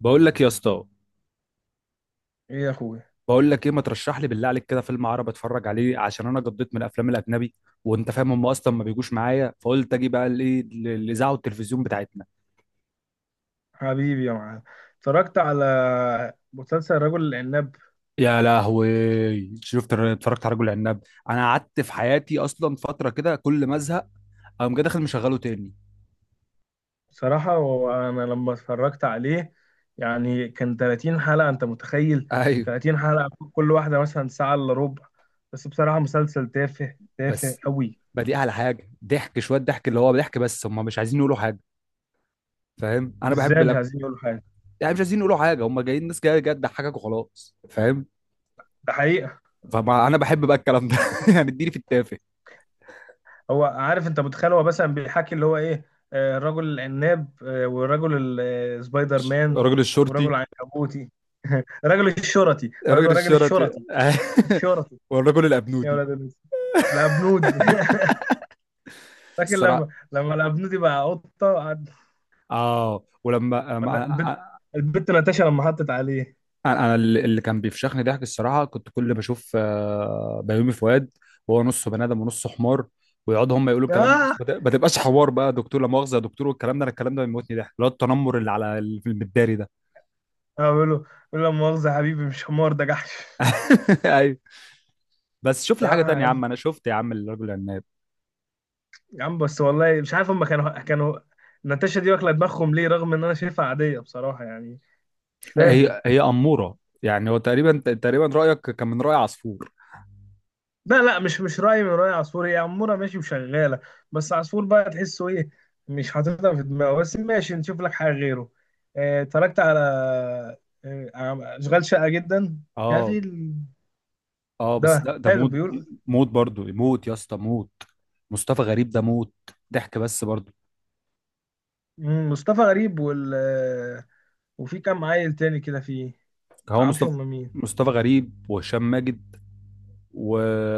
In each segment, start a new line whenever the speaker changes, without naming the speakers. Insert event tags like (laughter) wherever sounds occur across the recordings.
بقول لك يا اسطى.
ايه يا اخويا.
بقول لك ايه، ما ترشح لي بالله عليك كده فيلم عربي اتفرج عليه عشان انا قضيت من الافلام الاجنبي، وانت فاهم هم اصلا ما بيجوش معايا. فقلت اجي بقى الاذاعه والتلفزيون بتاعتنا.
حبيبي يا معلم. اتفرجت على مسلسل رجل العناب.
يا لهوي، شفت، اتفرجت على رجل عناب. انا قعدت في حياتي اصلا فتره كده كل ما ازهق اقوم جاي داخل مشغله تاني.
بصراحة وانا لما اتفرجت عليه يعني كان 30 حلقة، انت متخيل؟
ايوه.
30 حلقة كل واحدة مثلا ساعة الا ربع. بس بصراحة مسلسل تافه تافه
بس
قوي.
بدي على حاجه ضحك، شويه ضحك، اللي هو ضحك، بس هم مش عايزين يقولوا حاجه، فاهم.
ازاي مش عايزين يقولوا حاجة؟
يعني مش عايزين يقولوا حاجه، هم جايين، ناس جايه جايه تضحكك وخلاص، فاهم.
ده حقيقة.
فما انا بحب بقى الكلام ده (laughs) يعني اديني في التافه.
هو عارف، انت متخيل؟ هو مثلا بيحكي اللي هو ايه، رجل العناب، ورجل سبايدر مان،
الراجل الشرطي.
ورجل عنكبوتي. (laughs) رجل الشرطي، هو يقول
الراجل
له رجل
الشرطي.
الشرطي
(laughs)
الشرطي.
والرجل
يا
الابنودي.
ولاد الناس، الابنودي. (laughs) لكن
الصراحه.
لما الابنودي بقى قطه
اه، ولما أم-
ولا
أ-
البت،
أ-
البت ناتاشا لما حطت عليه.
انا اللي كان بيفشخني ضحك الصراحه، كنت كل ما اشوف بيومي فؤاد وهو نصه بني ادم ونصه حمار، ويقعدوا هم يقولوا الكلام ده،
اه،
بس ما تبقاش حوار بقى. دكتور لا مؤاخذه يا دكتور، والكلام ده، انا الكلام ده بيموتني ضحك، اللي هو التنمر اللي في المداري ده.
بقول له لا مؤاخذه يا حبيبي، مش حمار ده جحش.
(laughs) ايوه. بس شوف لي حاجه تانية يا
صراحه
عم، انا شفت يا عم الرجل العناب.
يا عم، بس والله مش عارف، هم كانوا ناتاشا دي واكله دماغهم ليه؟ رغم ان انا شايفها عاديه بصراحه يعني. مش فاهم.
هي أمورة، يعني هو تقريبا تقريبا رأيك كان من رأي عصفور.
لا لا، مش رأي من رأي عصفور. هي عمورة ماشي وشغالة. بس عصفور بقى تحسه ايه؟ مش حاططها في دماغه، بس ماشي نشوف لك حاجة غيره. اتفرجت على، على أشغال شقة جدا. يا
اه.
في ال...
اه بس
ده
ده
حلو،
موت،
بيقول
موت برضو، موت يا اسطى، موت. مصطفى غريب ده موت. ضحك بس برضو.
مصطفى غريب وال وفي كام عيل تاني كده فيه.
هو
متعرفش
مصطفى.
هم مين؟
مصطفى غريب وهشام ماجد و...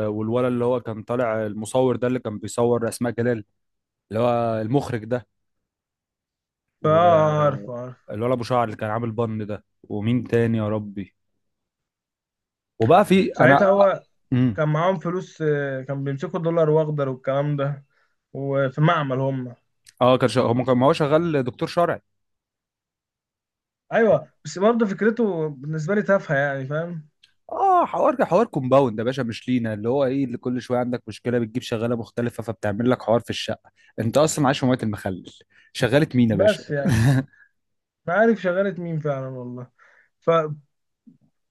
والولد اللي هو كان طالع المصور ده اللي كان بيصور أسماء جلال، اللي هو المخرج ده،
فا
والولد
عارف عارف.
أبو شعر اللي كان عامل بن ده. ومين تاني يا ربي؟ وبقى في أنا
ساعتها هو
مم.
كان معاهم فلوس، كان بيمسكوا دولار واخضر والكلام ده، وفي معمل هم.
اه، كان شغال. هو ما هو شغال دكتور شرعي.
ايوه بس برضه فكرته بالنسبه لي تافهه، يعني فاهم؟
اه، حوار كومباوند يا باشا مش لينا، اللي هو ايه، اللي كل شويه عندك مشكله بتجيب شغاله مختلفه فبتعمل لك حوار في الشقه. انت اصلا عايش في مويه المخلل. شغاله مين يا باشا؟
بس
(laughs)
يعني ما عارف شغاله مين فعلا والله. ف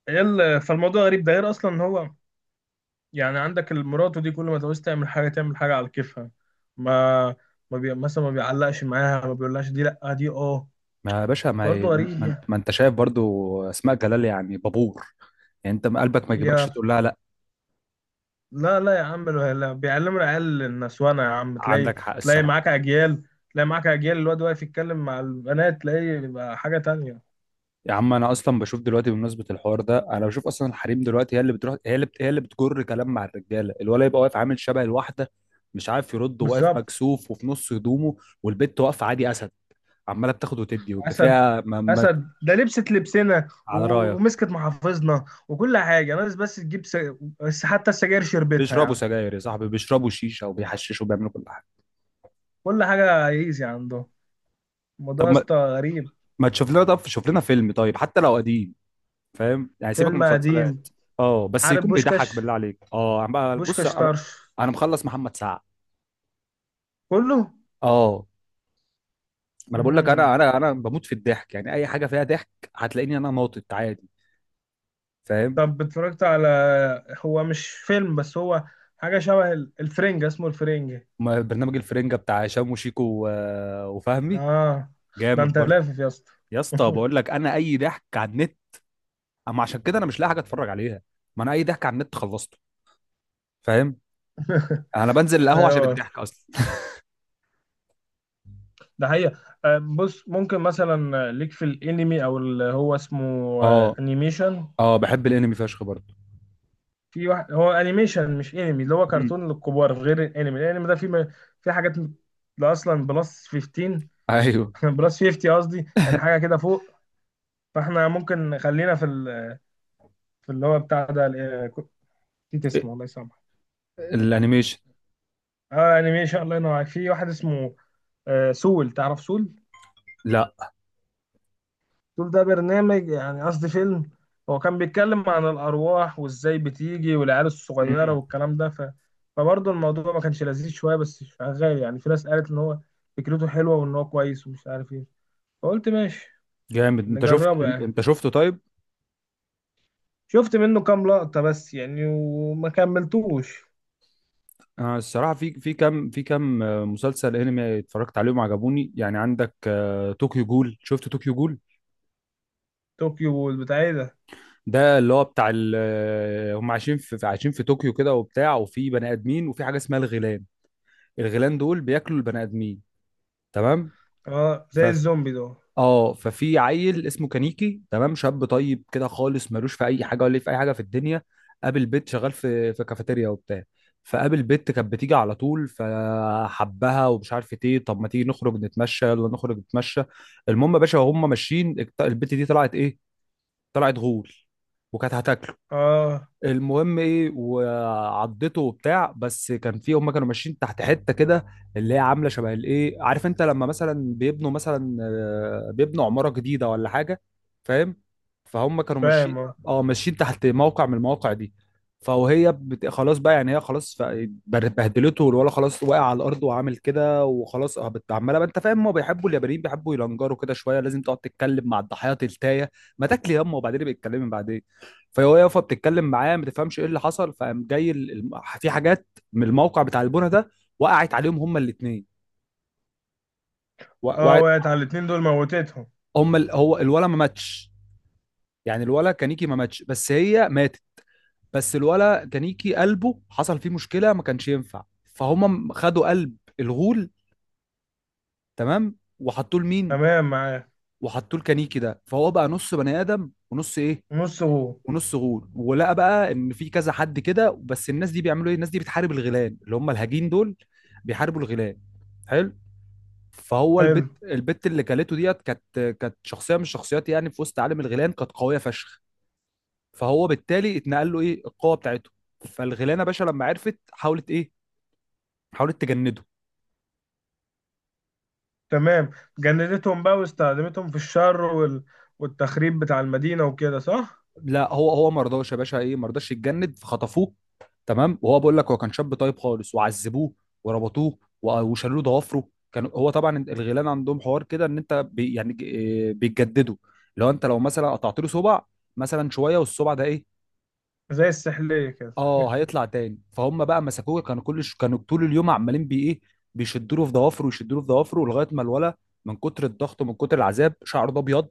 فالموضوع غريب ده، غير اصلا ان هو يعني عندك المراته دي، كل ما تعوز تعمل حاجه تعمل حاجه على كيفها. ما ما بي... مثلا ما بيعلقش معاها، ما بيقولهاش دي لا دي اه.
ما يا باشا، ما
برضه
هي- ما
غريب
ما-
يعني.
ما انت شايف برضو اسماء جلال يعني بابور. يعني انت قلبك ما يجيبكش
يا
تقول لها لا؟
لا لا يا عم، لا لا. بيعلموا العيال النسوانه يا عم، تلاقي
عندك حق
تلاقي
الصراحه.
معاك اجيال تلاقي معاك اجيال الواد واقف يتكلم مع البنات، تلاقيه بيبقى حاجه تانية.
يا عم انا اصلا بشوف دلوقتي بمناسبه الحوار ده، انا بشوف اصلا الحريم دلوقتي هي اللي بتروح، هي اللي بتجر كلام مع الرجاله. الولد يبقى واقف عامل شبه الواحده، مش عارف يرد، وواقف
بالظبط.
مكسوف وفي نص هدومه. والبت واقفه عادي اسد، عماله بتاخد وتدي
اسد،
وبتفيها، ما.
اسد ده لبست لبسنا
على رايك.
ومسكت محافظنا وكل حاجه، ناقص بس تجيب بس حتى السجاير شربتها يا
بيشربوا
عم.
سجاير يا صاحبي، بيشربوا شيشه وبيحششوا وبيعملوا كل حاجه.
كل حاجه ايزي عندهم. الموضوع
طب
يا
ما,
اسطى غريب.
ما تشوف لنا، طب شوف لنا فيلم طيب حتى لو قديم، فاهم، يعني سيبك من
فيلم
المسلسلات.
قديم؟
اه بس
عارف
يكون بيضحك
بوشكاش؟
بالله عليك، اه عم. بص
بوشكاش
انا،
طرش
مخلص محمد سعد.
كله.
اه. ما انا بقول لك
امم
انا، انا بموت في الضحك، يعني اي حاجه فيها ضحك هتلاقيني انا ناطط عادي، فاهم.
طب اتفرجت على، هو مش فيلم بس هو حاجه شبه الفرنجة، اسمه الفرنجة.
ما برنامج الفرنجه بتاع هشام وشيكو وفهمي
اه ده
جامد
انت
برضه.
لافف يا اسطى.
يا اسطى
(laughs)
بقول لك انا اي ضحك على النت. اما عشان كده انا مش لاقي حاجه اتفرج عليها، ما انا اي ضحك على النت خلصته، فاهم. انا بنزل القهوه عشان
ايوه
الضحك اصلا.
ده حقيقة. بص ممكن مثلا ليك في الانمي، او اللي هو اسمه
اه.
انيميشن.
اه بحب الانمي فشخ برضه.
في واحد هو انيميشن مش انمي، اللي هو
مم.
كرتون للكبار غير الانمي. الانمي ده في حاجات، ده اصلا بلس 15.
ايوه.
(laughs) بلس 50 قصدي، يعني حاجة كده فوق. فاحنا ممكن خلينا في ال... في اللي هو بتاع ده كنت نسيت
إيه،
اسمه، الله يسامحك.
الانيميشن.
اه انيميشن، الله ينور عليك. في واحد اسمه سول، تعرف سول؟
لا.
شوف، ده برنامج، يعني قصدي فيلم. هو كان بيتكلم عن الأرواح وإزاي بتيجي والعيال الصغيرة
مم.
والكلام ده ف... فبرضه الموضوع ما كانش لذيذ شوية، بس شغال يعني. في ناس قالت إن هو فكرته حلوة وإن هو كويس ومش عارف إيه، فقلت ماشي
جامد، انت شفت،
نجربه يعني.
أنت شفته طيب.
شفت منه كام لقطة بس يعني، وما كملتوش.
آه الصراحه، في في كام، في كام مسلسل انمي اتفرجت عليهم عجبوني، يعني عندك آه طوكيو جول، شفت طوكيو جول؟
طوكيو، والبتاع إيه ده؟
ده اللي هو بتاع هم عايشين عايشين في طوكيو كده وبتاع، وفي بني ادمين، وفي حاجه اسمها الغيلان. الغيلان دول بياكلوا البني ادمين، تمام.
اه زي الزومبي ده.
اه ففي عيل اسمه كانيكي، تمام، شاب طيب كده خالص، ملوش في اي حاجه ولا ليه في اي حاجه في الدنيا. قابل بنت شغال في كافيتيريا وبتاع. فقابل بنت كانت بتيجي على طول، فحبها ومش عارف ايه. طب ما تيجي نخرج نتمشى، يلا نخرج نتمشى. المهم يا باشا وهم ماشيين، البنت دي طلعت ايه، طلعت غول، وكانت هتاكله.
اه
المهم ايه، وعضته وبتاع، بس كان في، هم كانوا ماشيين تحت حته كده اللي هي عامله شبه الايه، عارف انت لما مثلا بيبنوا مثلا بيبنوا عماره جديده ولا حاجه، فاهم. فهم كانوا ماشيين،
فاهم اه.
اه ماشيين تحت موقع من المواقع دي. فهي خلاص بقى، يعني هي خلاص، بهدلته، والولا خلاص واقع على الارض وعامل كده وخلاص، اه عماله بقى. انت فاهم، ما بيحبوا اليابانيين بيحبوا يلنجروا كده شويه، لازم تقعد تتكلم مع الضحايا تلتايه، ما تاكلي يما وبعدين بيتكلمي بعدين. فهو يافا بتتكلم معاه، ما تفهمش ايه اللي حصل. فقام جاي في حاجات من الموقع بتاع البنا ده، وقعت عليهم هما الاثنين،
اه
وقعت.
وقعت على الاتنين دول، موتتهم؟
هو الولا ما ماتش يعني، الولا كانيكي ما ماتش، بس هي ماتت. بس الولا كانيكي قلبه حصل فيه مشكله ما كانش ينفع، فهم خدوا قلب الغول، تمام، وحطوه لمين،
تمام معايا.
وحطوه لكانيكي ده. فهو بقى نص بني ادم ونص ايه،
نص غو.
ونص غول. ولقى بقى ان في كذا حد كده، بس الناس دي بيعملوا ايه، الناس دي بتحارب الغيلان اللي هم الهجين دول. بيحاربوا الغيلان. حلو. فهو
حلو.
البت، اللي كلته ديت كانت، كانت شخصيه من الشخصيات يعني، في وسط عالم الغيلان كانت قويه فشخ. فهو بالتالي اتنقل له ايه، القوه بتاعته. فالغيلانه باشا لما عرفت حاولت ايه، حاولت تجنده.
تمام. جندتهم بقى واستخدمتهم في الشر وال... والتخريب بتاع المدينة وكده، صح؟
لا هو ما رضاش يا باشا، ايه ما رضاش يتجند فخطفوه، تمام. وهو بقول لك هو كان شاب طيب خالص، وعذبوه وربطوه وشالوا له ضوافره. كان هو طبعا الغيلان عندهم حوار كده ان انت بي يعني ج- إيه بيتجددوا. لو انت لو مثلا قطعت له صبع مثلا شويه والصبع ده ايه،
زي السحلية كده.
اه هيطلع تاني. فهم بقى مسكوه، كانوا طول اليوم عمالين بي ايه، بيشدوا له في ضوافره، ويشدوا له في ضوافره، لغايه ما الولا من كتر الضغط ومن كتر العذاب شعره ده ابيض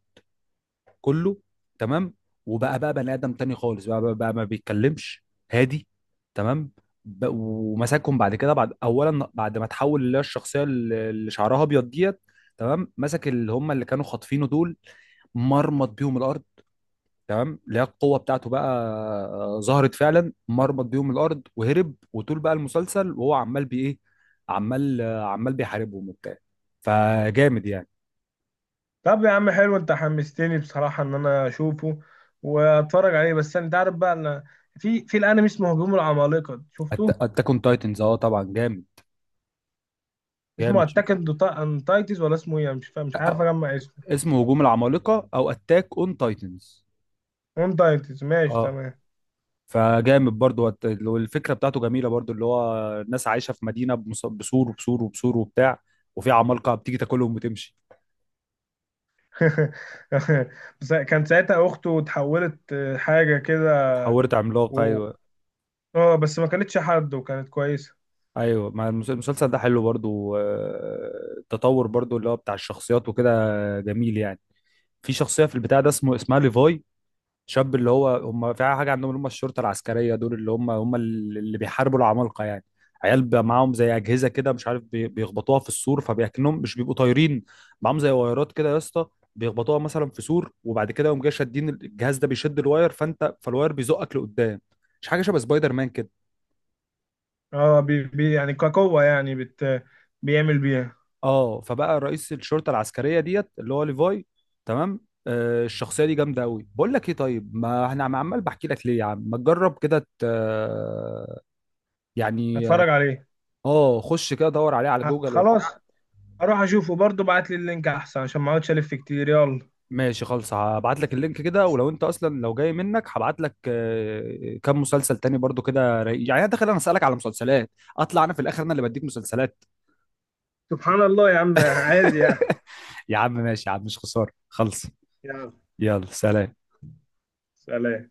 كله، تمام. وبقى بني ادم تاني خالص، بقى ما بيتكلمش، هادي، تمام. ومسكهم بعد كده، بعد اولا، بعد ما تحول اللي هي الشخصيه اللي شعرها ابيض ديت، تمام. مسك اللي هم اللي كانوا خاطفينه دول، مرمط بيهم الارض، تمام. اللي هي القوه بتاعته بقى ظهرت فعلا، مرمط بيهم الارض وهرب. وطول بقى المسلسل وهو عمال بايه، عمال بيحاربهم وبتاع، فجامد يعني.
طب يا عم، حلو، انت حمستني بصراحة ان انا اشوفه واتفرج عليه. بس انت عارف بقى ان في الانمي اسمه هجوم العمالقة، شفته؟
اتاك اون تايتنز، اه طبعا جامد،
اسمه
جامد شوف.
اتاك اون تايتنز ولا اسمه ايه؟ أنا مش فاهم، مش عارف
آه،
اجمع اسمه.
اسمه هجوم العمالقه او اتاك اون تايتنز.
اون تايتنز، ماشي
اه
تمام.
فجامد برضو، والفكره بتاعته جميله برضو، اللي هو الناس عايشه في مدينه بسور، وبسور، وبسور، وبتاع، وفي عمالقه بتيجي تاكلهم وتمشي.
(laughs) بس كان ساعتها اخته اتحولت، حاجة كده
اتحولت عملاقه
و...
ايوه.
اه بس ما كانتش حد، وكانت كويسة.
ايوه مع المسلسل ده حلو برضو، التطور برضو اللي هو بتاع الشخصيات وكده، جميل يعني. في شخصيه في البتاع ده اسمه، اسمها ليفاي، شاب اللي هو هم في حاجه عندهم اللي هم الشرطه العسكريه دول اللي هم اللي بيحاربوا العمالقه يعني. عيال بقى معاهم زي اجهزه كده، مش عارف بيخبطوها في السور فبيكنهم مش بيبقوا طايرين. معاهم زي وايرات كده يا اسطى، بيخبطوها مثلا في سور، وبعد كده يقوم جاي شادين الجهاز ده، بيشد الواير، فانت، فالواير بيزقك لقدام. مش حاجه شبه سبايدر مان كده؟
اه بي يعني كقوة، يعني بيعمل بيها.
اه فبقى رئيس الشرطه العسكريه ديت اللي هو ليفاي، تمام. آه الشخصيه دي جامده قوي. بقول لك ايه طيب، ما انا عمال بحكي لك ليه يا عم، ما تجرب كده يعني.
اتفرج عليه.
اه خش كده دور عليه على جوجل وبتاع.
خلاص، اروح اشوفه برضه. بعت لي اللينك احسن، عشان ما اقعدش الف كتير. يلا
ماشي خالص، هبعت لك اللينك كده. ولو انت اصلا لو جاي منك هبعت لك كام مسلسل تاني برضو كده رايق. يعني انا داخل انا اسالك على مسلسلات، اطلع انا في الاخر انا اللي بديك مسلسلات.
سبحان الله يا عم، عادي يعني.
يا عم ماشي يا عم، مش خساره، خلص.
يلا
يلا سلام.
سلام.